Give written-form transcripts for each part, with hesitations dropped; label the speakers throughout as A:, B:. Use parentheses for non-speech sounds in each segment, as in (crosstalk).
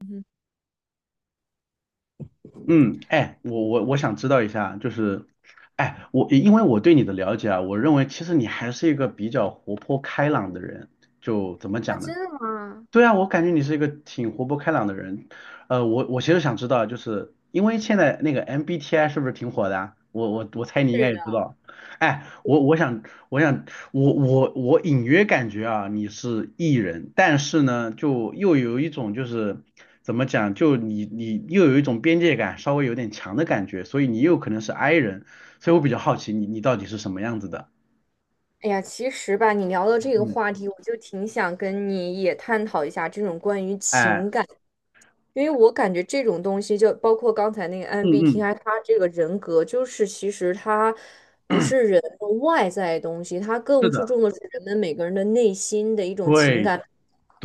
A: 嗯哼，
B: 嗯，哎，我想知道一下，就是，哎，因为我对你的了解啊，我认为其实你还是一个比较活泼开朗的人，就怎么
A: 啊
B: 讲呢？
A: 真的吗？
B: 对啊，我感觉你是一个挺活泼开朗的人。我其实想知道，就是因为现在那个 MBTI 是不是挺火的啊？我猜你应该
A: 是
B: 也知
A: 的。
B: 道。哎，我我想我想我我我隐约感觉啊，你是 E 人，但是呢，就又有一种就是怎么讲，就你又有一种边界感稍微有点强的感觉，所以你又可能是 I 人，所以我比较好奇你到底是什么样子的。
A: 哎呀，其实吧，你聊到这个
B: 嗯，
A: 话题，我就挺想跟你也探讨一下这种关于
B: 哎，
A: 情感，因为我感觉这种东西，就包括刚才那个
B: 嗯嗯，
A: MBTI，他这个人格，就是其实他不是人的外在的东西，他
B: 是
A: 更注
B: 的，
A: 重的是人们每个人的内心的一种情
B: 对。
A: 感。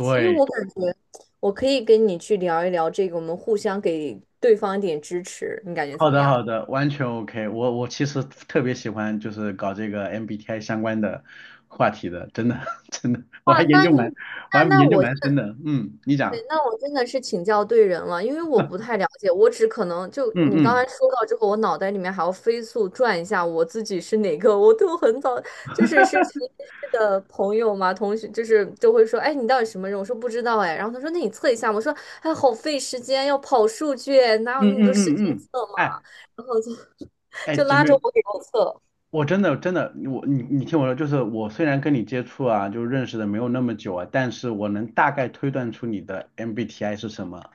A: 所以我感觉我可以跟你去聊一聊这个，我们互相给对方一点支持，你感觉怎
B: 好
A: 么
B: 的，好
A: 样？
B: 的，完全 OK。 我。我其实特别喜欢就是搞这个 MBTI 相关的话题的，真的 (laughs) 真的，
A: 哇，那你
B: 我
A: 那
B: 还
A: 那
B: 研究
A: 我现
B: 蛮深的。嗯，你讲。
A: 对，那我真的是请教对人了，因为我不太了解，我只可能就
B: 嗯
A: 你刚才
B: 嗯
A: 说到之后，我脑袋里面还要飞速转一下我自己是哪个，我都很早就是实验室的朋友嘛，同学就是就会说，哎，你到底什么人？我说不知道哎，然后他说那你测一下嘛，我说哎，好费时间，要跑数据，哪有
B: 嗯
A: 那么多
B: 嗯
A: 时
B: 嗯
A: 间
B: 嗯，
A: 测嘛？
B: 哎，
A: 然后就 (laughs)
B: 哎，
A: 就
B: 姐
A: 拉
B: 妹，
A: 着我给他测，
B: 我真的真的，你听我说，就是我虽然跟你接触啊，就认识的没有那么久啊，但是我能大概推断出你的 MBTI 是什么。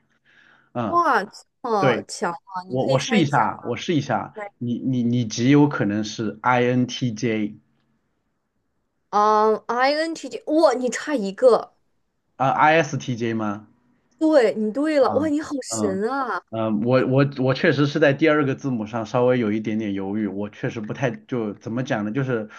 B: 嗯，
A: 哇，这么
B: 对，
A: 强啊！你
B: 我
A: 可
B: 我
A: 以猜
B: 试
A: 一
B: 一下
A: 下，
B: 啊，我试一下啊，你极有可能是 INTJ。
A: 嗯，INTJ,哇，你差一个。
B: 啊，ISTJ 吗？
A: 对，你对
B: 啊，
A: 了，哇，你好
B: 嗯
A: 神啊！
B: 嗯，我确实是在第二个字母上稍微有一点点犹豫，我确实不太就怎么讲呢，就是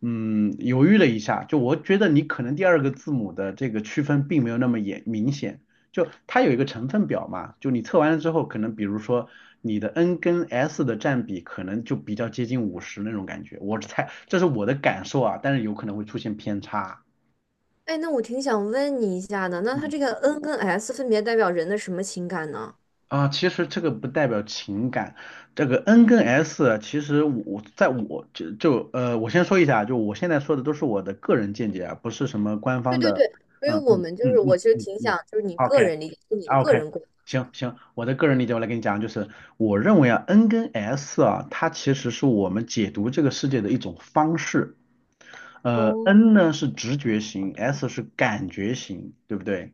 B: 犹豫了一下，就我觉得你可能第二个字母的这个区分并没有那么严明显，就它有一个成分表嘛，就你测完了之后，可能比如说你的 N 跟 S 的占比可能就比较接近50那种感觉，我猜这是我的感受啊，但是有可能会出现偏差，
A: 哎，那我挺想问你一下的，那它
B: 嗯
A: 这个 N 跟 S 分别代表人的什么情感呢？
B: 其实这个不代表情感，这个 N 跟 S，啊其实我在我就就呃，我先说一下，就我现在说的都是我的个人见解啊，不是什么官
A: 对
B: 方
A: 对
B: 的，
A: 对，所以
B: 嗯
A: 我
B: 嗯
A: 们就是，
B: 嗯嗯
A: 我其实
B: 嗯
A: 挺
B: 嗯
A: 想，就是你个
B: ，OK。
A: 人理解，就你的
B: 啊，
A: 个
B: OK，
A: 人观。
B: 行行，我的个人理解我来跟你讲，就是我认为啊，N 跟 S 啊，它其实是我们解读这个世界的一种方式，N 呢是直觉型，S 是感觉型，对不对？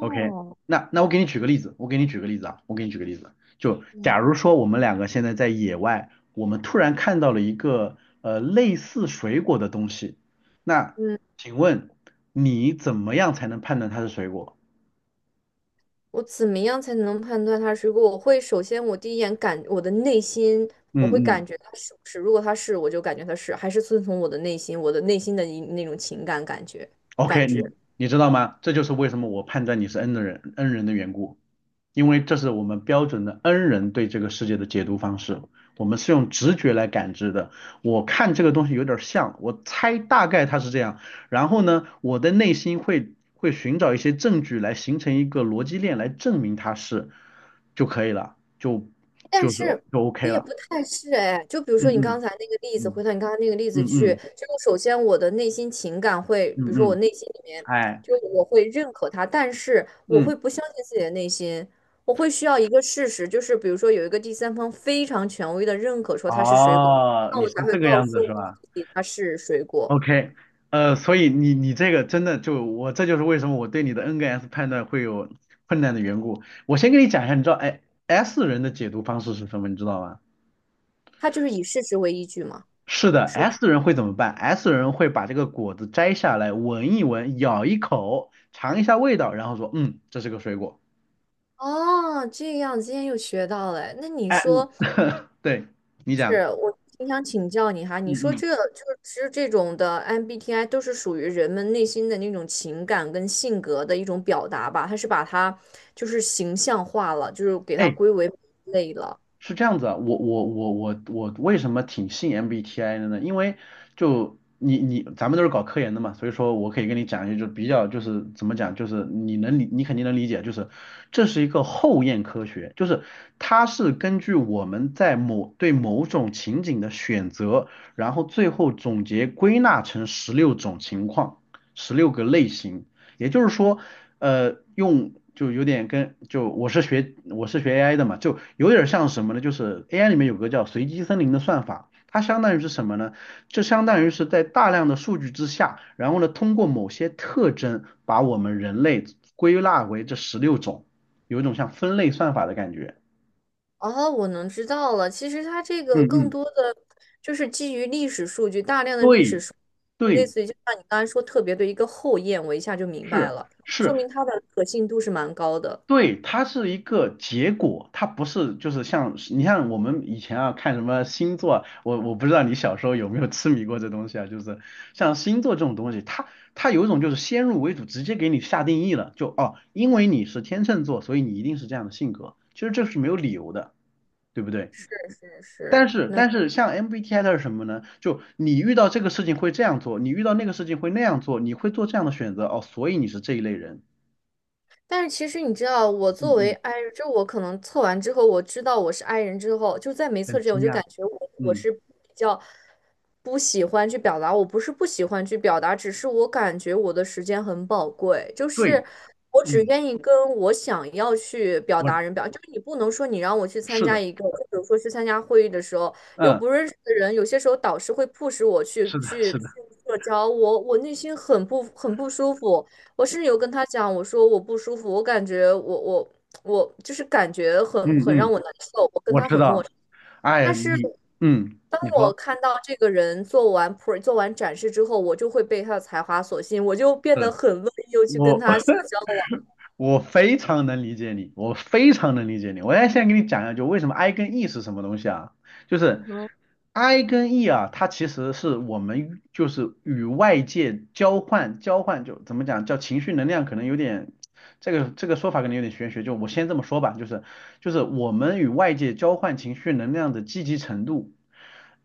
B: OK，那我给你举个例子，我给你举个例子啊，我给你举个例子，就假如说我们两个现在在野外，我们突然看到了一个类似水果的东西，那
A: 嗯，
B: 请问你怎么样才能判断它是水果？
A: 我怎么样才能判断它是？如果我会首先我第一眼感我的内心，我
B: 嗯
A: 会感
B: 嗯。
A: 觉它是不是？如果它是，我就感觉它是，还是遵从我的内心，我的内心的一那种情感感觉感
B: OK，你
A: 知。
B: 你知道吗？这就是为什么我判断你是 N 的人，N 人的缘故，因为这是我们标准的 N 人对这个世界的解读方式，我们是用直觉来感知的。我看这个东西有点像，我猜大概它是这样，然后呢，我的内心会寻找一些证据来形成一个逻辑链来证明它是就可以了，
A: 但
B: 就是就
A: 是
B: OK
A: 我也
B: 了。
A: 不太是哎，就比如
B: 嗯
A: 说你刚
B: 嗯
A: 才那个例子，
B: 嗯
A: 回到你刚才那个例子
B: 嗯
A: 去，
B: 嗯
A: 就是首先我的内心情感会，比
B: 嗯
A: 如说我
B: 嗯，
A: 内心里面，
B: 哎，
A: 就是我会认可他，但是我
B: 嗯，
A: 会不相信自己的内心，我会需要一个事实，就是比如说有一个第三方非常权威的认可说它是水果，
B: 哦，
A: 那
B: 你
A: 我
B: 是
A: 才会
B: 这个
A: 告
B: 样
A: 诉
B: 子是
A: 我
B: 吧？
A: 自己它是水果，
B: OK，所以你这个真的就我这就是为什么我对你的 N 跟 S 判断会有困难的缘故。我先跟你讲一下，你知道哎 S 人的解读方式是什么，你知道吗？
A: 它就是以事实为依据嘛。
B: 是的
A: 是吗
B: ，S 人会怎么办？S 人会把这个果子摘下来，闻一闻，咬一口，尝一下味道，然后说，嗯，这是个水果。
A: 哦，这样今天又学到了哎那你
B: 哎，嗯
A: 说，
B: (laughs) 对，你
A: 是
B: 讲，
A: 我挺想请教你哈，你
B: 嗯
A: 说
B: 嗯，
A: 这就是其实这种的 MBTI 都是属于人们内心的那种情感跟性格的一种表达吧？它是把它就是形象化了，就是给它
B: 哎，
A: 归为类了。
B: 是这样子啊，我为什么挺信 MBTI 的呢？因为就咱们都是搞科研的嘛，所以说我可以跟你讲一些就比较就是怎么讲，就是你肯定能理解，就是这是一个后验科学，就是它是根据我们在某种情景的选择，然后最后总结归纳成十六种情况，十六个类型，也就是说，用就有点跟就我是学 AI 的嘛，就有点像什么呢？就是 AI 里面有个叫随机森林的算法，它相当于是什么呢？就相当于是在大量的数据之下，然后呢，通过某些特征把我们人类归纳为这十六种，有一种像分类算法的感觉。
A: 哦，我能知道了。其实它这
B: 嗯
A: 个更
B: 嗯，
A: 多的就是基于历史数据，大量的历史
B: 对
A: 数据类
B: 对，
A: 似于就像你刚才说特别的一个后验，我一下就明白
B: 是
A: 了，
B: 是，
A: 说明它的可信度是蛮高的。
B: 对，它是一个结果，它不是就是像我们以前啊看什么星座啊我不知道你小时候有没有痴迷过这东西啊，就是像星座这种东西，它有一种就是先入为主，直接给你下定义了，就哦，因为你是天秤座，所以你一定是这样的性格，其实这是没有理由的，对不对？
A: 是是
B: 但
A: 是，
B: 是
A: 那
B: 但是像 MBTI 它是什么呢？就你遇到这个事情会这样做，你遇到那个事情会那样做，你会做这样的选择哦，所以你是这一类人，
A: 但是其实你知道，我作
B: 嗯
A: 为
B: 嗯，
A: I 人，就我可能测完之后，我知道我是 I 人之后，就在没测
B: 很
A: 之前，我
B: 惊
A: 就
B: 讶，
A: 感觉我
B: 嗯。
A: 是比较不喜欢去表达，我不是不喜欢去表达，只是我感觉我的时间很宝贵，就
B: 对，
A: 是我只
B: 嗯，
A: 愿意跟我想要去表
B: 我
A: 达人表，就是你不能说你让我去参
B: 是
A: 加
B: 的，
A: 一个，就比如说去参加会议的时候，又
B: 嗯，
A: 不认识的人，有些时候导师会迫使我去
B: 是的，
A: 去
B: 是
A: 去
B: 的，
A: 社交，我内心很不舒服。我甚至有跟他讲，我说我不舒服，我感觉我就是感觉很
B: 嗯
A: 很让
B: 嗯，
A: 我难受，我跟
B: 我
A: 他
B: 知
A: 很陌
B: 道。
A: 生。
B: 哎呀，
A: 但是
B: 你，嗯，
A: 当
B: 你
A: 我
B: 说，
A: 看到这个人做完展示之后，我就会被他的才华所吸引，我就变
B: 对，
A: 得很乐意又去跟
B: 我，
A: 他社
B: (laughs)
A: 交了。
B: 我非常能理解你，我非常能理解你。我现在给你讲一下，就为什么 I 跟 E 是什么东西啊？就是 I 跟 E 啊，它其实是我们与就是与外界交换，就怎么讲，叫情绪能量，可能有点。这个说法可能有点玄学，就我先这么说吧，就是我们与外界交换情绪能量的积极程度，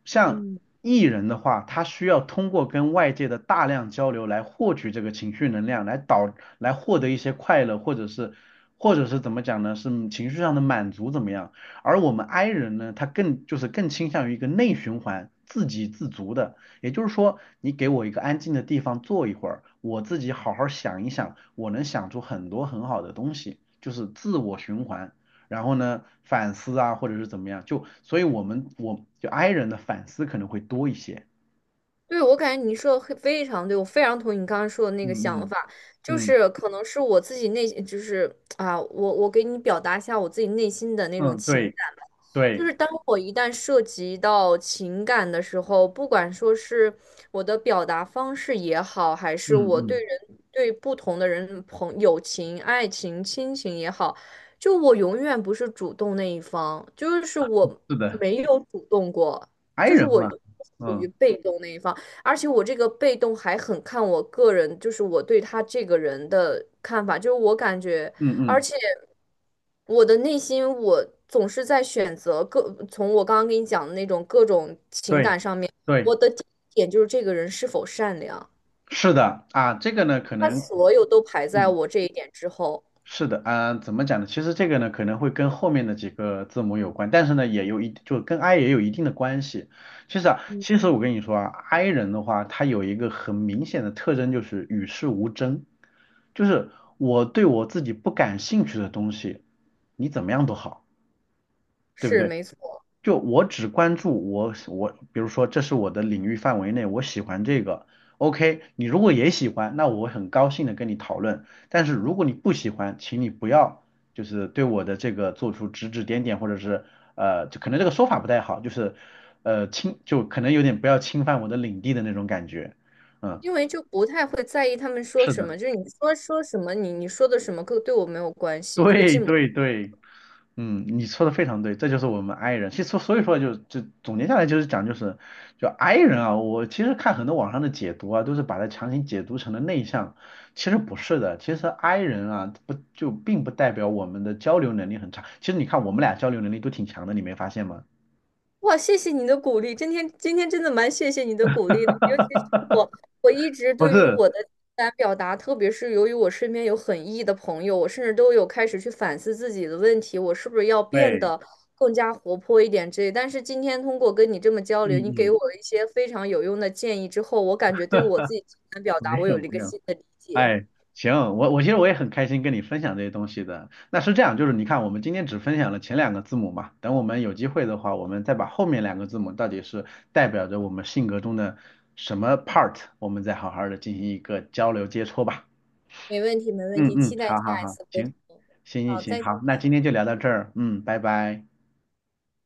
B: 像 E 人的话，他需要通过跟外界的大量交流来获取这个情绪能量，来获得一些快乐，或者是怎么讲呢？是情绪上的满足怎么样？而我们 I 人呢，他更就是更倾向于一个内循环，自给自足的。也就是说，你给我一个安静的地方坐一会儿，我自己好好想一想，我能想出很多很好的东西，就是自我循环。然后呢，反思啊，或者是怎么样，就所以我们我就 I 人的反思可能会多一些。
A: 对，我感觉你说的很非常对，我非常同意你刚刚说的那个
B: 嗯
A: 想
B: 嗯
A: 法，就
B: 嗯
A: 是可能是我自己内，就是啊，我给你表达一下我自己内心的那种
B: 嗯，
A: 情。
B: 对
A: 就
B: 对，
A: 是当我一旦涉及到情感的时候，不管说是我的表达方式也好，还是
B: 嗯
A: 我对
B: 嗯，
A: 人对不同的人朋友情、爱情、亲情也好，就我永远不是主动那一方，就是我
B: 是的
A: 没有主动过，
B: ，I
A: 就是
B: 人
A: 我
B: 嘛，
A: 属
B: 嗯
A: 于被动那一方，而且我这个被动还很看我个人，就是我对他这个人的看法，就是我感觉。
B: 嗯
A: 而
B: 嗯，
A: 且我的内心，我总是在选择各，从我刚刚跟你讲的那种各种情
B: 对
A: 感上面，
B: 对，
A: 我的第一点就是这个人是否善良，
B: 是的啊，这个呢可
A: 他
B: 能。
A: 所有都排在
B: 嗯。
A: 我这一点之后，
B: 是的，啊、怎么讲呢？其实这个呢，可能会跟后面的几个字母有关，但是呢，也有一就跟 I 也有一定的关系。其实啊，其实我跟你说啊，I 人的话，他有一个很明显的特征就是与世无争，就是我对我自己不感兴趣的东西，你怎么样都好，对不
A: 是
B: 对？
A: 没错，
B: 就我只关注我，比如说这是我的领域范围内，我喜欢这个，OK，你如果也喜欢，那我很高兴的跟你讨论。但是如果你不喜欢，请你不要就是对我的这个做出指指点点，或者是就可能这个说法不太好，就是就可能有点不要侵犯我的领地的那种感觉。嗯，
A: 因为就不太会在意他们说
B: 是
A: 什
B: 的。
A: 么，就是你说说什么，你说的什么，跟对我没有关
B: (laughs)
A: 系，就是
B: 对
A: 进不
B: 对对，嗯，你说的非常对，这就是我们 i 人。其实所以说就总结下来就是讲就是就 i 人啊，我其实看很多网上的解读啊，都是把它强行解读成了内向，其实不是的。其实 i 人啊，不就并不代表我们的交流能力很差。其实你看我们俩交流能力都挺强的，你没发现吗？
A: 哇，谢谢你的鼓励，今天真的蛮谢谢你的鼓励的，尤其是我，我一直
B: 不
A: 对于
B: 是，
A: 我的情感表达，特别是由于我身边有很 E 的朋友，我甚至都有开始去反思自己的问题，我是不是要变
B: 对，
A: 得更加活泼一点之类。但是今天通过跟你这么交
B: 嗯
A: 流，你给
B: 嗯，
A: 我了一些非常有用的建议之后，我感觉对我自己情感表
B: 没
A: 达，我
B: 有
A: 有了一个
B: 没有。
A: 新的理解。
B: 哎，行，我其实我也很开心跟你分享这些东西的。那是这样，就是你看，我们今天只分享了前两个字母嘛，等我们有机会的话，我们再把后面两个字母到底是代表着我们性格中的什么 part，我们再好好的进行一个交流接触吧。
A: 没问题，没问
B: 嗯
A: 题，
B: 嗯，
A: 期待
B: 好好
A: 下一
B: 好，
A: 次沟
B: 行，
A: 通。
B: 行行
A: 好，
B: 行，
A: 再见。
B: 好，那今天就聊到这儿，嗯，拜拜。